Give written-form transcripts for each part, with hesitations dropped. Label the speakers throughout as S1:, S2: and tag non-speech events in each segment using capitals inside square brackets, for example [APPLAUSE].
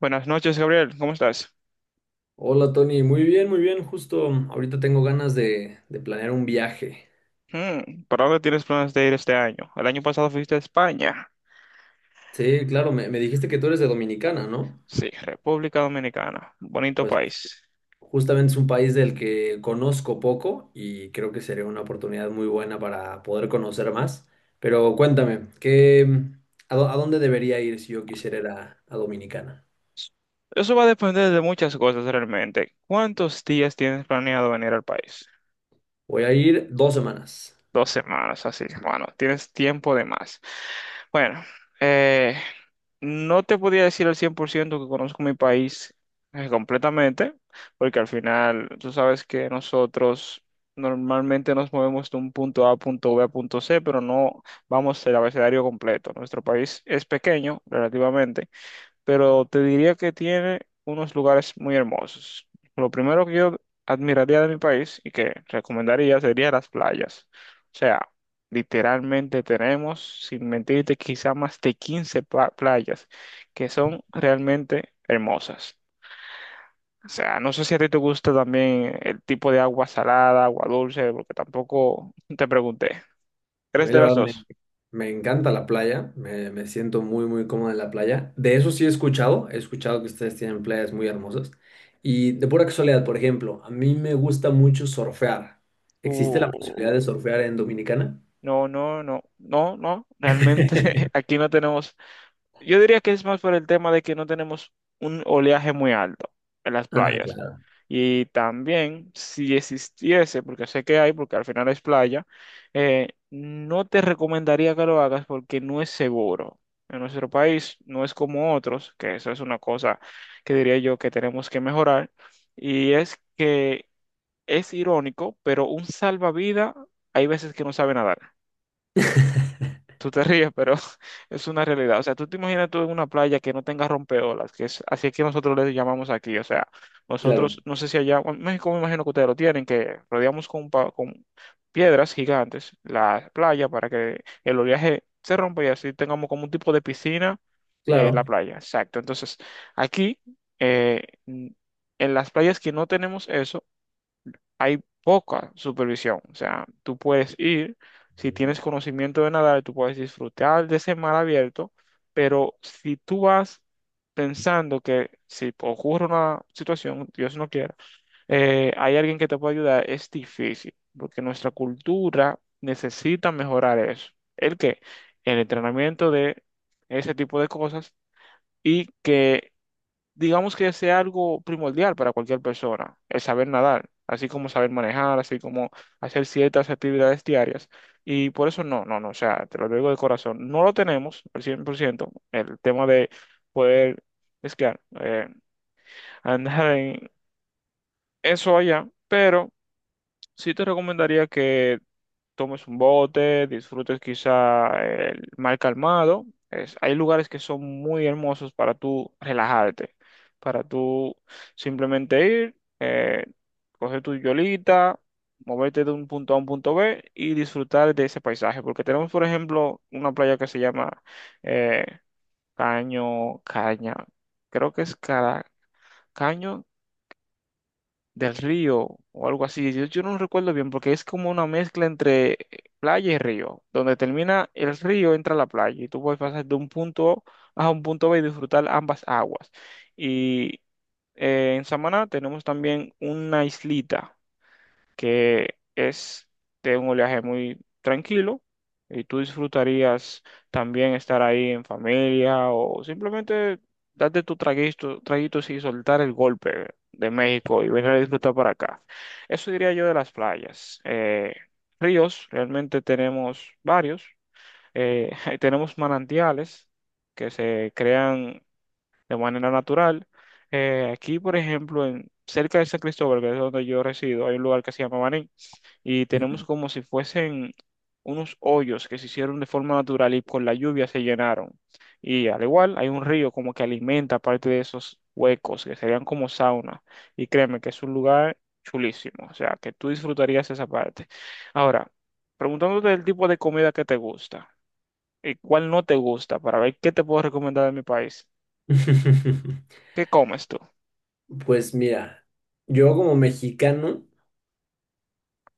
S1: Buenas noches, Gabriel. ¿Cómo estás?
S2: Hola Tony, muy bien, muy bien. Justo ahorita tengo ganas de planear un viaje.
S1: ¿Para dónde tienes planes de ir este año? El año pasado fuiste a España.
S2: Sí, claro, me dijiste que tú eres de Dominicana, ¿no?
S1: Sí, República Dominicana. Bonito
S2: Pues
S1: país.
S2: justamente es un país del que conozco poco y creo que sería una oportunidad muy buena para poder conocer más. Pero cuéntame, ¿qué, a dónde debería ir si yo quisiera ir a Dominicana?
S1: Eso va a depender de muchas cosas realmente. ¿Cuántos días tienes planeado venir al país?
S2: Voy a ir dos semanas.
S1: 2 semanas, así. Bueno, tienes tiempo de más. Bueno, eh, no te podía decir al 100% que conozco mi país completamente, porque al final tú sabes que nosotros normalmente nos movemos de un punto A a punto B a punto C, pero no vamos el abecedario completo. Nuestro país es pequeño relativamente, pero te diría que tiene unos lugares muy hermosos. Lo primero que yo admiraría de mi país y que recomendaría sería las playas. O sea, literalmente tenemos, sin mentirte, quizá más de 15 playas que son realmente hermosas. O sea, no sé si a ti te gusta también el tipo de agua salada, agua dulce, porque tampoco te pregunté.
S2: A
S1: ¿Eres
S2: mí
S1: de
S2: la
S1: las
S2: verdad
S1: dos?
S2: me encanta la playa, me siento muy muy cómodo en la playa. De eso sí he escuchado que ustedes tienen playas muy hermosas. Y de pura casualidad, por ejemplo, a mí me gusta mucho surfear. ¿Existe la posibilidad
S1: Uh,
S2: de surfear en Dominicana?
S1: no, no, no, no, no. Realmente [LAUGHS]
S2: [LAUGHS]
S1: aquí no tenemos. Yo diría que es más por el tema de que no tenemos un oleaje muy alto en las
S2: Ah,
S1: playas.
S2: claro.
S1: Y también, si existiese, porque sé que hay, porque al final es playa, no te recomendaría que lo hagas porque no es seguro. En nuestro país no es como otros, que eso es una cosa que diría yo que tenemos que mejorar. Y es que es irónico, pero un salvavidas hay veces que no sabe nadar.
S2: [LAUGHS]
S1: Tú te ríes, pero [LAUGHS] es una realidad. O sea, tú te imaginas tú en una playa que no tenga rompeolas, que es así es que nosotros le llamamos aquí. O sea,
S2: Claro,
S1: nosotros, no sé si allá, bueno, en México me imagino que ustedes lo tienen, que rodeamos con, con piedras gigantes la playa para que el oleaje se rompa y así tengamos como un tipo de piscina en la
S2: claro.
S1: playa. Exacto. Entonces, aquí, eh, en las playas que no tenemos eso, hay poca supervisión. O sea, tú puedes ir, si tienes
S2: [LAUGHS]
S1: conocimiento de nadar, tú puedes disfrutar de ese mar abierto, pero si tú vas pensando que si ocurre una situación, Dios no quiera, hay alguien que te puede ayudar, es difícil, porque nuestra cultura necesita mejorar eso. ¿El qué? El entrenamiento de ese tipo de cosas y que digamos que sea algo primordial para cualquier persona, el saber nadar, así como saber manejar, así como hacer ciertas actividades diarias. Y por eso no, no, no, o sea, te lo digo de corazón, no lo tenemos al 100% el tema de poder esquiar, [LAUGHS] andar en eso allá, pero sí te recomendaría que tomes un bote, disfrutes quizá el mar calmado. Es- hay lugares que son muy hermosos para tú relajarte, para tú simplemente ir, coger tu yolita, moverte de un punto A a un punto B y disfrutar de ese paisaje. Porque tenemos, por ejemplo, una playa que se llama eh, Caño, Caña, creo que es Cara, Caño del río o algo así. Yo no recuerdo bien porque es como una mezcla entre playa y río. Donde termina el río entra la playa y tú puedes pasar de un punto A a un punto B y disfrutar ambas aguas. Y en Samaná tenemos también una islita que es de un oleaje muy tranquilo y tú disfrutarías también estar ahí en familia o simplemente darte tu traguito, traguitos y soltar el golpe de México y venir a disfrutar para acá. Eso diría yo de las playas. Ríos, realmente tenemos varios. Eh, [LAUGHS] Tenemos manantiales que se crean de manera natural. Aquí, por ejemplo, en, cerca de San Cristóbal, que es donde yo resido, hay un lugar que se llama Baní y tenemos como si fuesen unos hoyos que se hicieron de forma natural y con la lluvia se llenaron. Y al igual hay un río como que alimenta parte de esos huecos que serían como sauna. Y créeme que es un lugar chulísimo, o sea, que tú disfrutarías esa parte. Ahora, preguntándote el tipo de comida que te gusta y cuál no te gusta para ver qué te puedo recomendar de mi país. ¿Qué comes tú?
S2: Pues mira, yo como mexicano,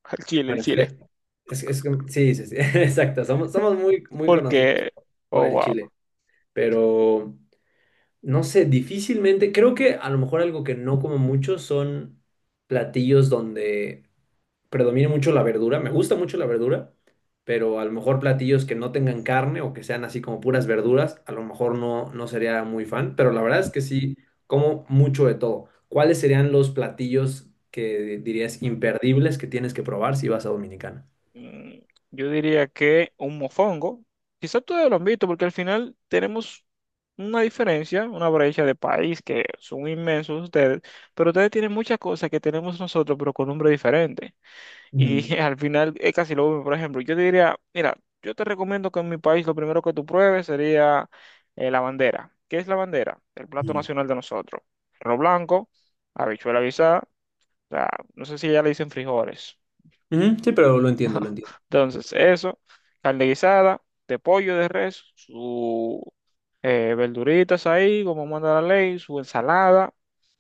S1: [LAUGHS] El chile, el
S2: bueno,
S1: chile.
S2: es que- sí, sí, sí, [LAUGHS] exacto, somos, somos muy, muy conocidos
S1: Porque,
S2: por
S1: oh,
S2: el
S1: wow.
S2: chile, pero... No sé, difícilmente. Creo que a lo mejor algo que no como mucho son platillos donde predomine mucho la verdura. Me gusta mucho la verdura, pero a lo mejor platillos que no tengan carne o que sean así como puras verduras, a lo mejor no, no sería muy fan. Pero la verdad es que sí, como mucho de todo. ¿Cuáles serían los platillos que dirías imperdibles que tienes que probar si vas a Dominicana?
S1: Mm, Yo diría que un mofongo. Quizás todos lo han visto, porque al final tenemos una diferencia, una brecha de país que son inmensos ustedes, pero ustedes tienen muchas cosas que tenemos nosotros, pero con nombre diferente. Y
S2: Ujú.
S1: [LAUGHS] al final es casi lo mismo. Por ejemplo, yo te diría, mira, yo te recomiendo que en mi país lo primero que tú pruebes sería la bandera. ¿Qué es la bandera? El plato
S2: Ujú.
S1: nacional de nosotros. Arroz blanco, habichuela guisada, o sea, no sé si ya le dicen frijoles.
S2: Ujú. Sí, pero lo entiendo, lo entiendo.
S1: Entonces, eso, carne guisada, de pollo, de res, su verduritas ahí, como manda la ley, su ensalada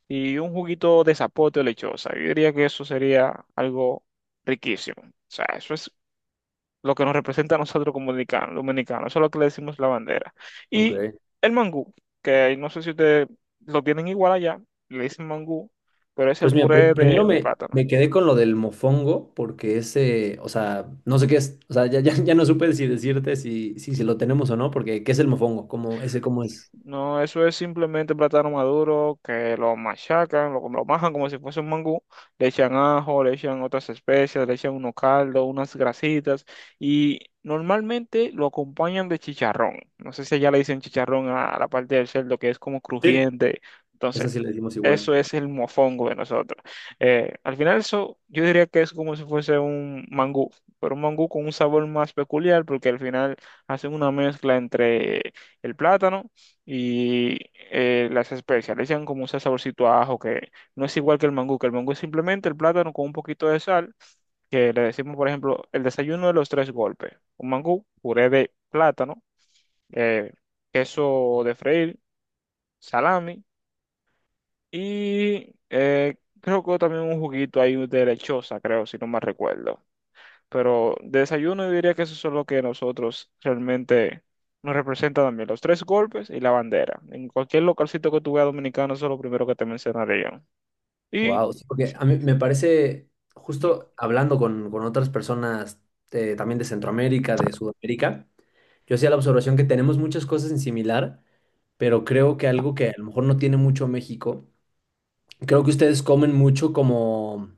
S1: y un juguito de zapote o lechosa. Yo diría que eso sería algo riquísimo. O sea, eso es lo que nos representa a nosotros como dominicanos, dominicanos. Eso es lo que le decimos la bandera. Y
S2: Ok.
S1: el mangú, que no sé si ustedes lo tienen igual allá, le dicen mangú, pero es el
S2: Pues mira,
S1: puré
S2: primero
S1: de plátano.
S2: me quedé con lo del mofongo, porque ese, o sea, no sé qué es, o sea, ya, ya, ya no supe si decirte si lo tenemos o no, porque ¿qué es el mofongo? ¿Cómo, ese cómo es?
S1: No, eso es simplemente plátano maduro que lo machacan, lo majan como si fuese un mangú, le echan ajo, le echan otras especias, le echan unos caldos, unas grasitas y normalmente lo acompañan de chicharrón. No sé si allá le dicen chicharrón a la parte del cerdo que es como
S2: Sí.
S1: crujiente. Entonces,
S2: Esa sí le decimos
S1: eso
S2: igual.
S1: es el mofongo de nosotros. Al final eso yo diría que es como si fuese un mangú, pero un mangú con un sabor más peculiar porque al final hacen una mezcla entre el plátano y las especializan como un saborcito a ajo que no es igual que el mangú es simplemente el plátano con un poquito de sal, que le decimos, por ejemplo, el desayuno de los tres golpes. Un mangú, puré de plátano, eh, queso de freír, salami y creo que también un juguito ahí de lechosa, creo, si no mal recuerdo. Pero de desayuno yo diría que eso es lo que nosotros realmente nos representa también, los tres golpes y la bandera. En cualquier localcito que tú veas dominicano, eso es lo primero que te mencionaría. Y.
S2: Wow, porque a mí me parece, justo hablando con otras personas también de Centroamérica, de Sudamérica, yo hacía la observación que tenemos muchas cosas en similar, pero creo que algo que a lo mejor no tiene mucho México, creo que ustedes comen mucho como.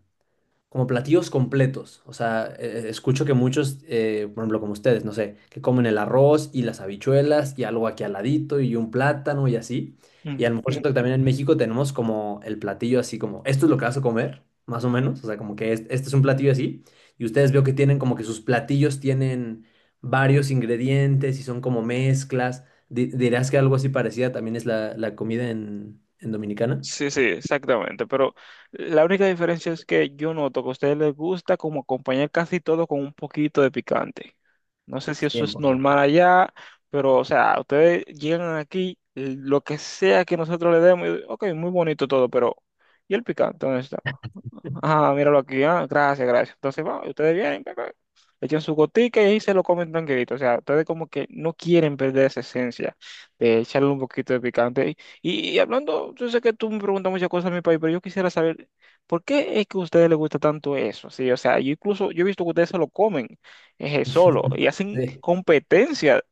S2: Como platillos completos. O sea, escucho que muchos, por ejemplo, como ustedes, no sé, que comen el arroz y las habichuelas y algo aquí al ladito y un plátano y así. Y a lo mejor siento que
S1: [LAUGHS]
S2: también en México tenemos como el platillo así como, esto es lo que vas a comer, más o menos. O sea, como que este es un platillo así. Y ustedes veo que tienen como que sus platillos tienen varios ingredientes y son como mezclas. ¿Dirás que algo así parecida también es la comida en Dominicana?
S1: Sí, sí, exactamente. Pero la única diferencia es que yo noto que a ustedes les gusta como acompañar casi todo con un poquito de picante. No sé si eso es normal
S2: 100%.
S1: allá, pero o sea, ustedes llegan aquí, lo que sea que nosotros le demos, y, ok, muy bonito todo, pero ¿y el picante? ¿Dónde está? Ah, míralo aquí, ah, gracias, gracias. Entonces, va, ustedes vienen, pa, pa, echan su gotica y ahí se lo comen tranquilito. O sea, ustedes como que no quieren perder esa esencia de echarle un poquito de picante. Y hablando, yo sé que tú me preguntas muchas cosas de mi país, pero yo quisiera saber, ¿por qué es que a ustedes les gusta tanto eso? Sí, o sea, yo incluso, yo he visto que ustedes se lo comen solo
S2: [LAUGHS]
S1: y hacen
S2: Sí.
S1: competencia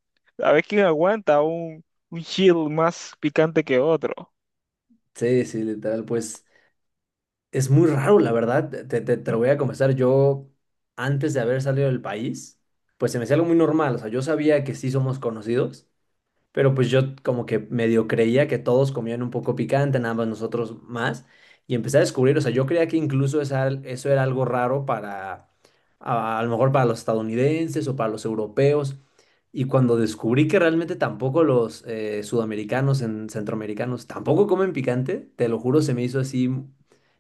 S1: a ver quién aguanta un chill más picante que otro.
S2: Sí, sí, literal, pues es muy raro, la verdad, te
S1: Mm,
S2: lo voy a confesar, yo antes de haber salido del país, pues se me hacía algo muy normal, o sea, yo sabía que sí somos conocidos, pero pues yo como que medio creía que todos comían un poco picante, nada más nosotros más, y empecé a descubrir, o sea, yo creía que incluso eso era algo raro para a lo mejor para los estadounidenses o para los europeos. Y cuando descubrí que realmente tampoco los sudamericanos, centroamericanos, tampoco comen picante, te lo juro, se me hizo así,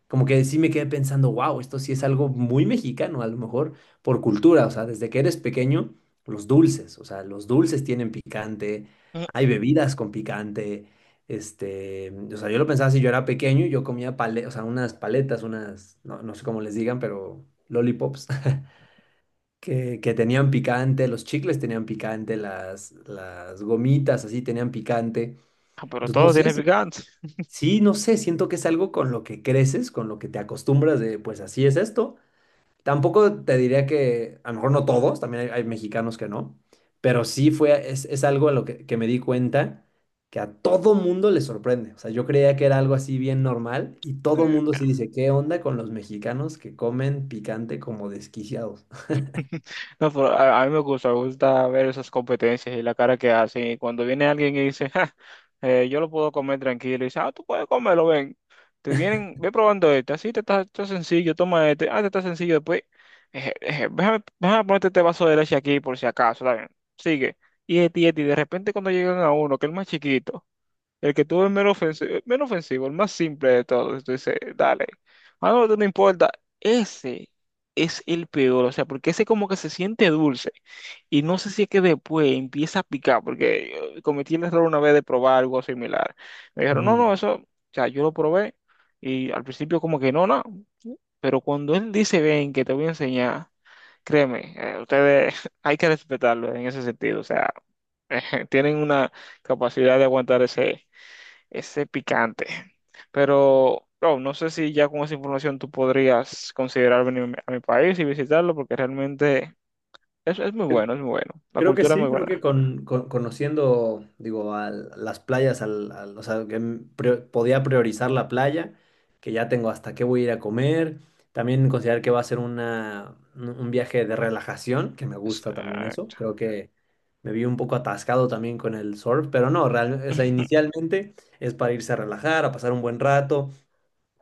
S2: como que sí me quedé pensando, wow, esto sí es algo muy mexicano, a lo mejor por cultura, o sea, desde que eres pequeño, los dulces, o sea, los dulces tienen picante, hay
S1: mm.
S2: bebidas con picante. Este, o sea, yo lo pensaba si yo era pequeño, yo comía pale, o sea, unas paletas, unas, no, no sé cómo les digan, pero lollipops que tenían picante, los chicles tenían picante, las gomitas así tenían picante.
S1: Ah, pero
S2: Entonces, no
S1: todo
S2: sé,
S1: tiene picante.
S2: sí, no sé, siento que es algo con lo que creces, con lo que te acostumbras de, pues así es esto. Tampoco te diría que, a lo mejor no todos, también hay mexicanos que no, pero es algo a lo que me di cuenta que a todo mundo le sorprende. O sea, yo creía que era algo así bien normal y todo mundo sí dice, ¿qué onda con los mexicanos que comen picante como desquiciados?
S1: [LAUGHS] No, pero a mí me gusta ver esas competencias y la cara que hacen. Y cuando viene alguien y dice: "Ja, yo lo puedo comer tranquilo", y dice, ah, tú puedes comerlo, ven. Te vienen, ve probando este, así te está, está sencillo, toma este, ah, te está sencillo, después, déjame ponerte este vaso de leche aquí por si acaso, está bien. Sigue. Y este, y este, y de repente cuando llegan a uno, que es el más chiquito. El que tuvo el menos ofensivo, el menos ofensivo, el más simple de todos. Tú dices, dale. Ah, no, no importa. Ese es el peor, o sea, porque ese como que se siente dulce. Y no sé si es que después empieza a picar, porque yo cometí el error una vez de probar algo similar. Me dijeron, no,
S2: Ujú.
S1: no, eso, o sea, yo lo probé. Y al principio como que no, no. Pero cuando él dice, ven, que te voy a enseñar, créeme, ustedes [LAUGHS] hay que respetarlo en ese sentido. O sea, [LAUGHS] tienen una capacidad de aguantar ese picante. Pero, bro, no sé si ya con esa información tú podrías considerar venir a mi país y visitarlo, porque realmente es muy bueno, es muy bueno. La
S2: Creo que
S1: cultura es
S2: sí,
S1: muy
S2: creo que
S1: buena.
S2: conociendo, digo, las playas, o sea, que podía priorizar la playa, que ya tengo hasta qué voy a ir a comer, también considerar que va a ser una, un viaje de relajación, que me gusta también eso,
S1: Exacto.
S2: creo que me vi un poco atascado también con el surf, pero no, o sea,
S1: [LAUGHS]
S2: inicialmente es para irse a relajar, a pasar un buen rato,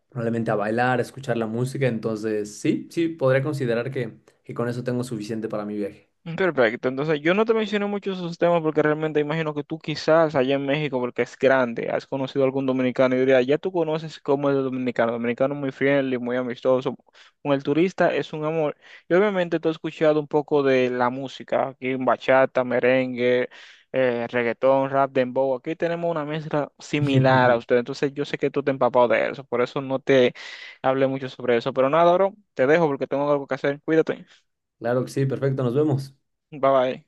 S2: probablemente a bailar, a escuchar la música, entonces sí, sí, podría considerar que con eso tengo suficiente para mi viaje.
S1: Perfecto, entonces yo no te mencioné mucho esos temas porque realmente imagino que tú quizás allá en México, porque es grande, has conocido algún dominicano y diría, ya tú conoces cómo es el dominicano, dominicano muy friendly, muy amistoso, con el turista es un amor. Y obviamente tú has escuchado un poco de la música, aquí en bachata, merengue, reggaetón, rap, dembow, aquí tenemos una mezcla similar a usted,
S2: [LAUGHS]
S1: entonces yo sé que tú te has empapado de eso, por eso no te hablé mucho sobre eso, pero nada, bro, te dejo porque tengo algo que hacer, cuídate,
S2: Claro que sí, perfecto, nos vemos.
S1: bye bye.